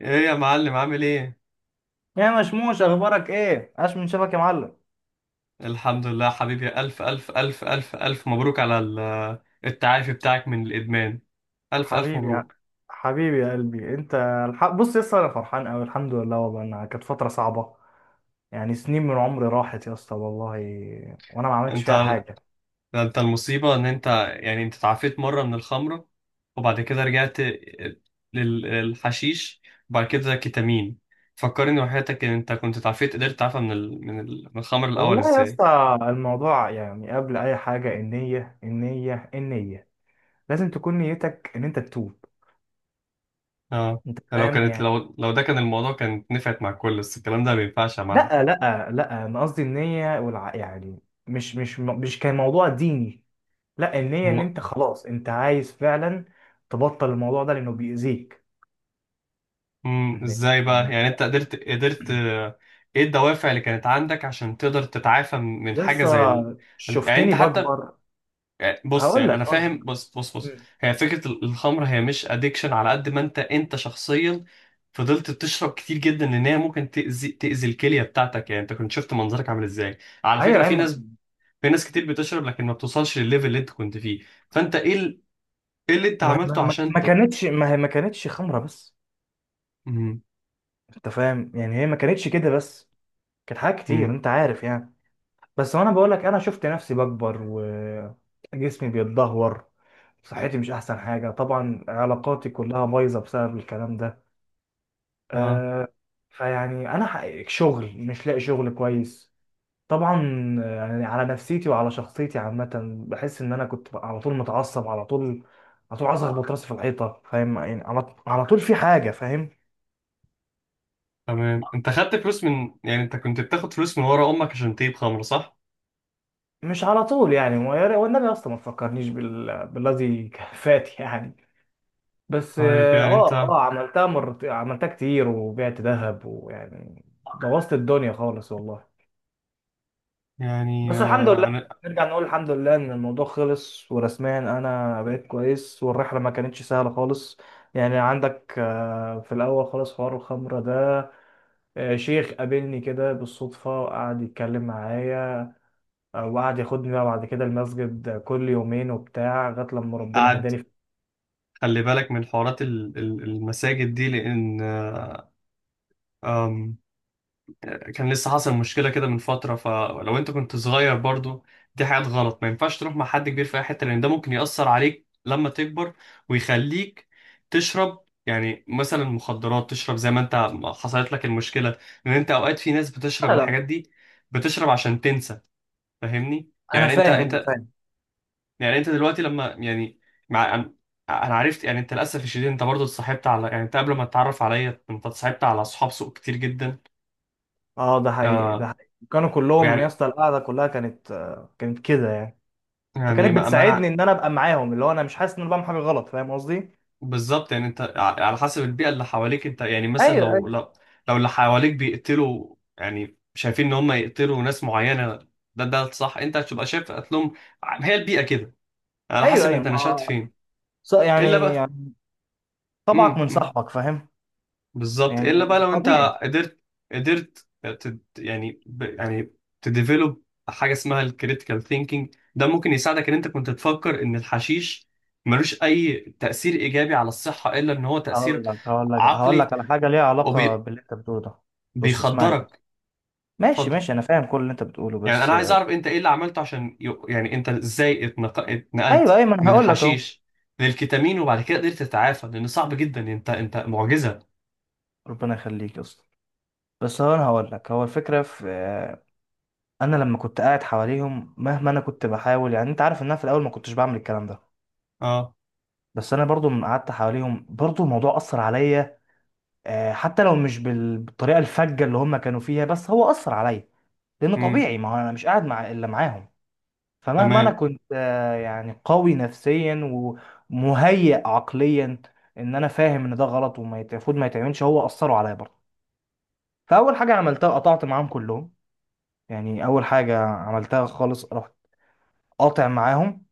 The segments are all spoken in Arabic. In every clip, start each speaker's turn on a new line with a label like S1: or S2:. S1: ايه يا معلم، عامل ايه؟
S2: يا مشموش، اخبارك ايه؟ عاش من شافك يا معلم.
S1: الحمد لله حبيبي، ألف ألف ألف ألف ألف مبروك على التعافي بتاعك من الإدمان. ألف ألف
S2: حبيبي يا
S1: مبروك.
S2: حبيبي يا قلبي انت. بص يا اسطى، انا فرحان قوي، الحمد لله، والله انها كانت فتره صعبه. يعني سنين من عمري راحت يا اسطى والله، وانا ما عملتش فيها
S1: انت
S2: حاجه.
S1: انت المصيبة ان انت، يعني انت تعافيت مرة من الخمرة وبعد كده رجعت للحشيش وبعد كده كيتامين. فكرني وحياتك، ان انت كنت تعافيت، قدرت تعافى من الخمر الأول
S2: والله يا
S1: ازاي؟
S2: اسطى الموضوع، يعني قبل اي حاجه النيه، لازم تكون نيتك ان انت تتوب.
S1: اه،
S2: انت
S1: لو
S2: فاهم
S1: كانت
S2: يعني.
S1: لو لو ده كان الموضوع كانت نفعت مع الكل، بس الكلام ده ما ينفعش يا معلم.
S2: لا لا لا، انا قصدي النيه، يعني مش كان موضوع ديني. لا، النية ان انت خلاص انت عايز فعلا تبطل الموضوع ده لانه بيأذيك. إن-
S1: ازاي بقى،
S2: يعني،
S1: يعني انت قدرت ، ايه الدوافع اللي كانت عندك عشان تقدر تتعافى من حاجه زي
S2: يسا
S1: يعني انت
S2: شفتني
S1: حتى،
S2: بكبر.
S1: يعني بص،
S2: هقول
S1: يعني
S2: لك
S1: انا
S2: هقول
S1: فاهم.
S2: لك.
S1: بص بص بص،
S2: مم.
S1: هي فكره الخمر، هي مش ادكشن، على قد ما انت شخصيا فضلت تشرب كتير جدا، لان هي ممكن تاذي الكليه بتاعتك. يعني انت كنت شفت منظرك عامل ازاي؟ على
S2: ايوه
S1: فكره
S2: يا
S1: في
S2: عم.
S1: ناس، في ناس كتير بتشرب لكن ما بتوصلش للليفل اللي انت كنت فيه. فانت ايه ايه اللي انت عملته عشان
S2: ما هي ما كانتش خمره بس.
S1: امم
S2: انت فاهم يعني، هي ما كانتش كده بس، كانت حاجات كتير،
S1: امم
S2: انت عارف يعني. بس وانا بقول لك، انا شفت نفسي بكبر وجسمي بيتدهور، صحتي مش احسن حاجه طبعا، علاقاتي كلها بايظه بسبب الكلام ده.
S1: اه،
S2: آه فيعني انا حقيقي شغل مش لاقي شغل كويس، طبعا. يعني على نفسيتي وعلى شخصيتي عامه، بحس ان انا كنت بقى على طول متعصب، على طول، على طول عايز اخبط راسي في الحيطه، فاهم يعني، على طول في حاجه، فاهم.
S1: تمام. انت خدت فلوس من، يعني انت كنت بتاخد فلوس من ورا امك عشان تجيب خمره، صح؟
S2: مش على طول يعني، والنبي اصلا ما تفكرنيش بالذي فات يعني. بس
S1: طيب، يعني انت،
S2: عملتها كتير وبعت ذهب ويعني بوظت الدنيا خالص والله.
S1: يعني
S2: بس الحمد لله،
S1: انا
S2: نرجع نقول الحمد لله ان الموضوع خلص ورسميا انا بقيت كويس، والرحله ما كانتش سهله خالص. يعني عندك، في الاول خالص حوار الخمره ده، شيخ قابلني كده بالصدفه وقعد يتكلم معايا، وقعد ياخدني بقى بعد كده المسجد كل يومين وبتاع لغايه لما ربنا
S1: قاعد،
S2: هداني
S1: خلي بالك من حوارات المساجد دي، لان آه، آم، كان لسه حصل مشكله كده من فتره. فلو انت كنت صغير برضو، دي حاجات غلط، ما ينفعش تروح مع حد كبير في اي حته، لان ده ممكن ياثر عليك لما تكبر ويخليك تشرب يعني مثلا مخدرات، تشرب زي ما انت حصلت لك المشكله. لان انت اوقات في ناس بتشرب
S2: لا لا،
S1: الحاجات دي بتشرب عشان تنسى. فاهمني؟
S2: انا
S1: يعني انت
S2: فاهم انا
S1: انت
S2: فاهم.
S1: يعني انت دلوقتي لما يعني مع انا، أنا عرفت يعني انت للاسف الشديد، انت برضو اتصاحبت على، يعني انت قبل ما تتعرف عليا انت اتصاحبت على اصحاب سوء كتير جدا.
S2: اه، ده حقيقي ده
S1: آه،
S2: حقيقي، كانوا كلهم يا
S1: ويعني،
S2: اسطى، القعده كلها كانت كده يعني.
S1: يعني
S2: فكانت
S1: ما
S2: بتساعدني
S1: انا
S2: ان انا ابقى معاهم، اللي هو انا مش حاسس ان انا بعمل حاجه غلط، فاهم قصدي.
S1: بالظبط. يعني انت على حسب البيئه اللي حواليك، انت يعني مثلا لو
S2: ايوه
S1: لو لو اللي حواليك بيقتلوا، يعني شايفين ان هم يقتلوا ناس معينه، ده صح، انت هتبقى شايف قتلهم. هي البيئه كده، على
S2: ايوه
S1: حسب
S2: ايوه،
S1: انت نشأت
S2: ما
S1: فين. الا
S2: يعني
S1: بقى.
S2: يعني طبعك
S1: امم
S2: من
S1: امم.
S2: صاحبك، فاهم،
S1: بالظبط. الا
S2: يعني
S1: بقى لو انت
S2: طبيعي.
S1: قدرت، قدرت تد يعني ب يعني تديفلوب حاجه اسمها الكريتيكال ثينكينج، ده ممكن يساعدك ان انت كنت تفكر ان الحشيش ملوش اي تاثير ايجابي على الصحه الا ان هو تاثير
S2: هقول لك هقول لك هقول
S1: عقلي
S2: لك على حاجه ليها علاقه باللي انت بتقوله ده. بص اسمعني بس.
S1: وبيخدرك.
S2: ماشي
S1: اتفضل.
S2: ماشي، انا فاهم كل اللي انت بتقوله،
S1: يعني انا
S2: بس.
S1: عايز اعرف، انت ايه اللي عملته عشان يعني انت ازاي اتنقلت
S2: ايوه ايوه، ما انا
S1: من
S2: هقول لك اهو،
S1: الحشيش للكتامين وبعد كده قدرت تتعافى؟ لان صعب جدا، انت معجزه.
S2: ربنا يخليك يا اسطى. بس هو، انا هقول لك، هو الفكره في انا لما كنت قاعد حواليهم، مهما انا كنت بحاول، يعني انت عارف ان انا في الاول ما كنتش بعمل الكلام ده.
S1: اه.
S2: بس انا برضو لما قعدت حواليهم برضو الموضوع اثر عليا. حتى لو مش بالطريقه الفجه اللي هم كانوا فيها، بس هو اثر عليا. لان
S1: امم
S2: طبيعي، ما هو انا مش قاعد مع الا معاهم. فمهما انا
S1: تمام.
S2: كنت يعني قوي نفسيا ومهيئ عقليا، ان انا فاهم ان ده غلط، المفروض ما يتعملش، هو اثروا عليا برضه. فاول حاجه عملتها قطعت معاهم كلهم. يعني اول حاجه عملتها خالص، رحت قاطع معاهم.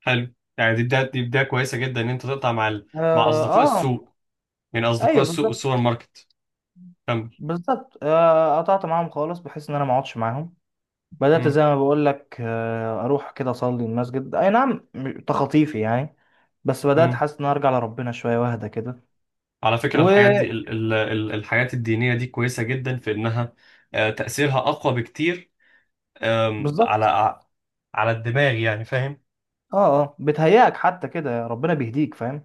S1: حلو، يعني دي بداية، دي بداية كويسة جدا ان انت تقطع مع مع
S2: اه,
S1: اصدقاء
S2: آه.
S1: السوق، يعني اصدقاء
S2: ايوه
S1: السوق
S2: بالظبط.
S1: والسوبر ماركت. كمل.
S2: بالظبط، قطعت معاهم خالص بحيث ان انا ما اقعدش معاهم. بدات
S1: امم
S2: زي ما بقول لك، اروح كده اصلي المسجد، اي نعم، تخطيفي يعني، بس بدات
S1: امم.
S2: حاسس ان أنا ارجع لربنا شويه واهدى كده.
S1: على فكرة الحاجات دي
S2: وبالظبط،
S1: الحاجات الدينية دي كويسة جدا في انها تأثيرها اقوى بكتير على على الدماغ، يعني فاهم.
S2: اه اه، بتهيأك حتى كده ربنا بيهديك، فاهم.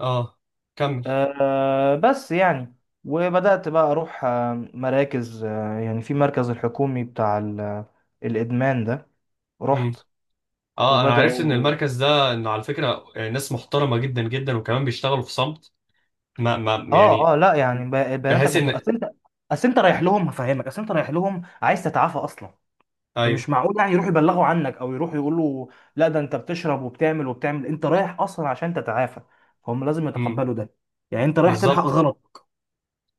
S1: اه، كمل.
S2: بس يعني وبدأت بقى أروح مراكز، يعني في مركز الحكومي بتاع الإدمان ده،
S1: امم
S2: رحت
S1: اه، انا عرفت ان
S2: وبدأوا.
S1: المركز ده انه على فكرة ناس محترمة جدا جدا وكمان بيشتغلوا في صمت. ما
S2: اه
S1: يعني
S2: اه، لا يعني، بياناتك
S1: بحيث
S2: مكتوبة.
S1: ان،
S2: أصل أنت، أصل أنت رايح لهم، هفهمك، أصل أنت رايح لهم عايز تتعافى أصلا،
S1: ايوه.
S2: فمش معقول يعني يروحوا يبلغوا عنك أو يروحوا يقولوا لا، ده أنت بتشرب وبتعمل وبتعمل. أنت رايح أصلا عشان تتعافى، فهم لازم
S1: امم
S2: يتقبلوا ده، يعني أنت رايح تلحق
S1: بالظبط.
S2: غلط.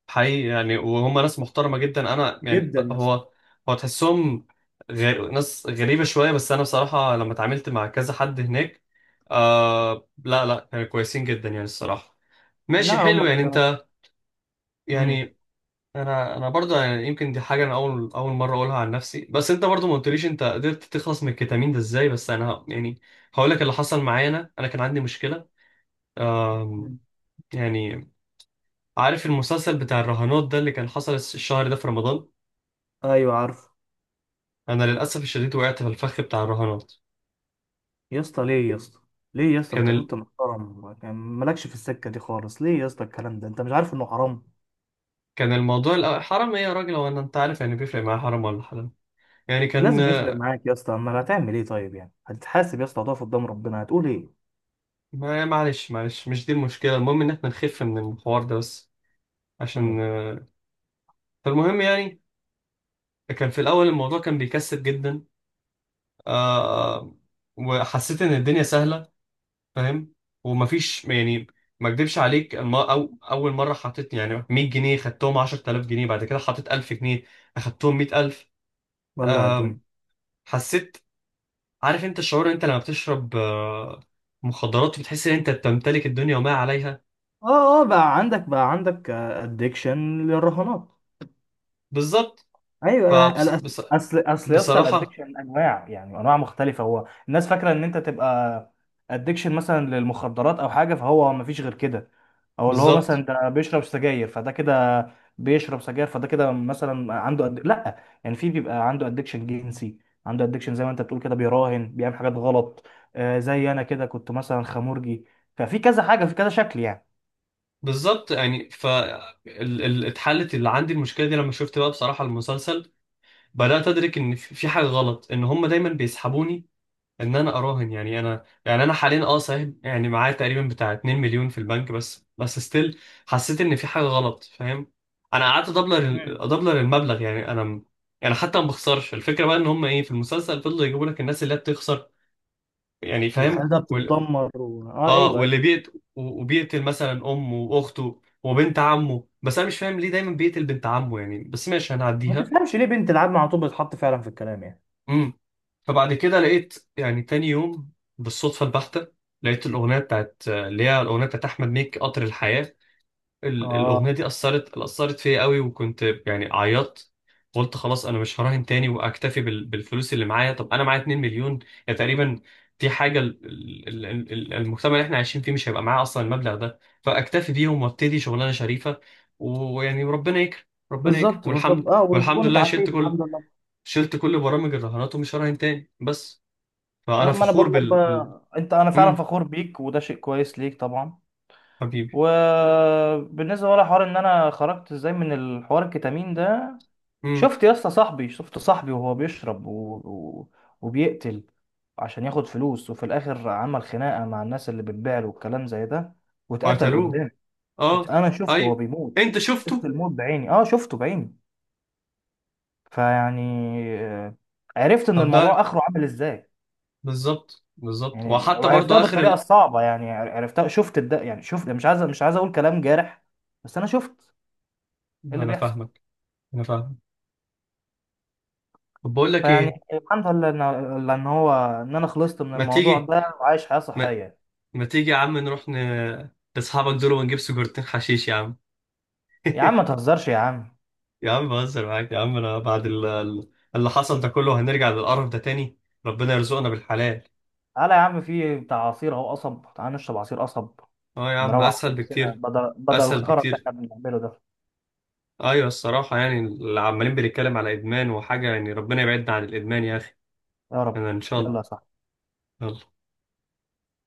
S1: حقيقي، يعني وهم ناس محترمة جدا. أنا يعني
S2: جدا يا اسطى.
S1: هو، هو تحسهم غير ناس غريبة شوية، بس أنا بصراحة لما اتعاملت مع كذا حد هناك آه، لا لا، كانوا كويسين جدا يعني الصراحة.
S2: لا
S1: ماشي،
S2: هم
S1: حلو، يعني
S2: كانوا.
S1: أنت،
S2: امم.
S1: يعني أنا برضه، يعني يمكن دي حاجة أنا أول مرة أقولها عن نفسي، بس أنت برضه ما قلتليش أنت قدرت تخلص من الكتامين ده إزاي. بس أنا يعني هقول لك اللي حصل معايا. أنا كان عندي مشكلة. آم،
S2: مم.
S1: يعني عارف المسلسل بتاع الرهانات ده اللي كان حصل الشهر ده في رمضان؟
S2: ايوه عارف.
S1: انا للاسف الشديد وقعت في الفخ بتاع الرهانات.
S2: يا اسطى ليه يا اسطى؟ ليه يا اسطى؟
S1: كان
S2: انت
S1: ال...
S2: كنت محترم، كان مالكش في السكه دي خالص، ليه يا اسطى الكلام ده؟ انت مش عارف انه حرام؟
S1: كان الموضوع حرام ايه يا راجل؟ هو انا، انت عارف يعني بيفرق معايا حرام ولا حلال؟ يعني كان،
S2: لازم يفرق معاك يا اسطى، اما هتعمل ايه؟ طيب يعني، هتتحاسب يا اسطى، هتقف قدام ربنا هتقول ايه؟
S1: ما معلش معلش، مش دي المشكله. المهم ان احنا نخف من الحوار ده بس،
S2: امم.
S1: عشان فالمهم يعني كان في الاول الموضوع كان بيكسب جدا. آه... وحسيت ان الدنيا سهله، فاهم. ومفيش يعني، ما اكدبش عليك اول مره حطيت يعني 100 جنيه خدتهم 10,000 جنيه، بعد كده حطيت 1000 جنيه اخدتهم 100,000.
S2: ولا الدنيا.
S1: آم، حسيت، عارف انت الشعور انت لما بتشرب مخدرات، بتحس ان انت بتمتلك الدنيا وما عليها؟
S2: اه اه، بقى عندك ادكشن للرهانات.
S1: بالظبط.
S2: ايوه،
S1: فبص... بص...
S2: اصل يا اسطى،
S1: بصراحة.
S2: الادكشن انواع، يعني انواع مختلفه. هو الناس فاكره ان انت تبقى ادكشن مثلا للمخدرات او حاجه، فهو ما فيش غير كده، او اللي هو مثلا
S1: بالظبط
S2: ده بيشرب سجاير فده كده، بيشرب سجاير فده كده مثلا عنده لا، يعني في بيبقى عنده ادكشن جنسي، عنده ادكشن زي ما انت بتقول كده، بيراهن، بيعمل حاجات غلط. زي انا كده، كنت مثلا خمورجي، ففي كذا حاجه، في كذا شكل يعني.
S1: بالظبط. يعني اتحلت اللي عندي المشكلة دي لما شفت بقى بصراحة المسلسل. بدأت أدرك إن في حاجة غلط، إن هم دايما بيسحبوني ان انا اراهن. يعني انا، يعني انا حاليا اه صحيح، يعني معايا تقريبا بتاع 2 مليون في البنك، بس بس ستيل حسيت ان في حاجه غلط، فاهم؟ انا قعدت ادبلر
S2: مم.
S1: ادبلر المبلغ، يعني انا يعني حتى ما بخسرش. الفكره بقى ان هم ايه، في المسلسل فضلوا يجيبوا لك الناس اللي هي بتخسر، يعني فاهم.
S2: وحاجه بتتدمر اه،
S1: اه،
S2: ايوه ايوه.
S1: وبيقتل مثلا امه واخته وبنت عمه، بس انا مش فاهم ليه دايما بيقتل بنت عمه يعني، بس ماشي
S2: ما
S1: هنعديها.
S2: تفهمش ليه بنت العم على طول بتتحط فعلا في الكلام، يعني.
S1: فبعد كده لقيت يعني تاني يوم بالصدفة البحتة لقيت الأغنية بتاعت، اللي هي الأغنية بتاعت أحمد مكي، قطر الحياة.
S2: اه
S1: الأغنية دي أثرت فيا قوي، وكنت يعني عيطت. قلت خلاص أنا مش هراهن تاني وأكتفي بالفلوس اللي معايا. طب أنا معايا 2 مليون يعني تقريبا، دي حاجة المجتمع اللي احنا عايشين فيه مش هيبقى معاه أصلا المبلغ ده، فأكتفي بيهم وأبتدي شغلانة شريفة ويعني ربنا يكرم، ربنا يكرم
S2: بالظبط بالظبط،
S1: والحمد
S2: اه،
S1: والحمد
S2: وتكون
S1: لله. شلت
S2: اتعافيت
S1: كل،
S2: الحمد لله.
S1: شلت كل برامج الرهانات ومش هراهن تاني بس. فانا
S2: ما انا
S1: فخور
S2: بقول لك بقى، انت انا فعلا
S1: امم
S2: فخور بيك، وده شيء كويس ليك طبعا.
S1: حبيبي.
S2: وبالنسبه بقى لحوار ان انا خرجت ازاي من الحوار الكتامين ده،
S1: امم
S2: شفت يا اسطى صاحبي، شفت صاحبي وهو بيشرب و... وبيقتل عشان ياخد فلوس، وفي الاخر عمل خناقه مع الناس اللي بتبيع له والكلام زي ده، واتقتل
S1: وقتلوه.
S2: قدامي.
S1: اه.
S2: انا شفته وهو
S1: ايوه،
S2: بيموت،
S1: انت
S2: شفت
S1: شفته.
S2: الموت بعيني، شفته بعيني. فيعني، آه، عرفت ان
S1: طب
S2: الموضوع
S1: ده،
S2: اخره عامل ازاي.
S1: بالظبط بالظبط،
S2: يعني
S1: وحتى برضو
S2: وعرفتها
S1: اخر
S2: بالطريقه الصعبه، يعني عرفتها، شفت يعني شفت، مش عايز اقول كلام جارح، بس انا شفت ايه اللي
S1: انا
S2: بيحصل.
S1: فاهمك، انا فاهمك. طب بقول لك
S2: فيعني
S1: ايه،
S2: الحمد لله ان انا خلصت من
S1: ما
S2: الموضوع
S1: تيجي،
S2: ده وعايش حياه
S1: ما,
S2: صحيه.
S1: ما تيجي يا عم نروح لاصحابك دول ونجيب سجارتين حشيش يا عم؟
S2: يا عم ما تهزرش يا عم.
S1: يا عم بهزر معاك يا عم، انا بعد اللي حصل ده كله هنرجع للقرف ده تاني؟ ربنا يرزقنا بالحلال.
S2: تعالى يا عم، في بتاع عصير اهو قصب، تعالى نشرب عصير قصب،
S1: اه يا عم،
S2: نروق عن
S1: اسهل
S2: نفسنا
S1: بكتير،
S2: بدل
S1: اسهل
S2: الخرا اللي
S1: بكتير.
S2: احنا بنعمله ده.
S1: ايوه الصراحه، يعني اللي عمالين بنتكلم على ادمان وحاجه، يعني ربنا يبعدنا عن الادمان يا اخي.
S2: يا رب.
S1: انا ان شاء
S2: يلا يا
S1: الله.
S2: صاحبي.
S1: يلا.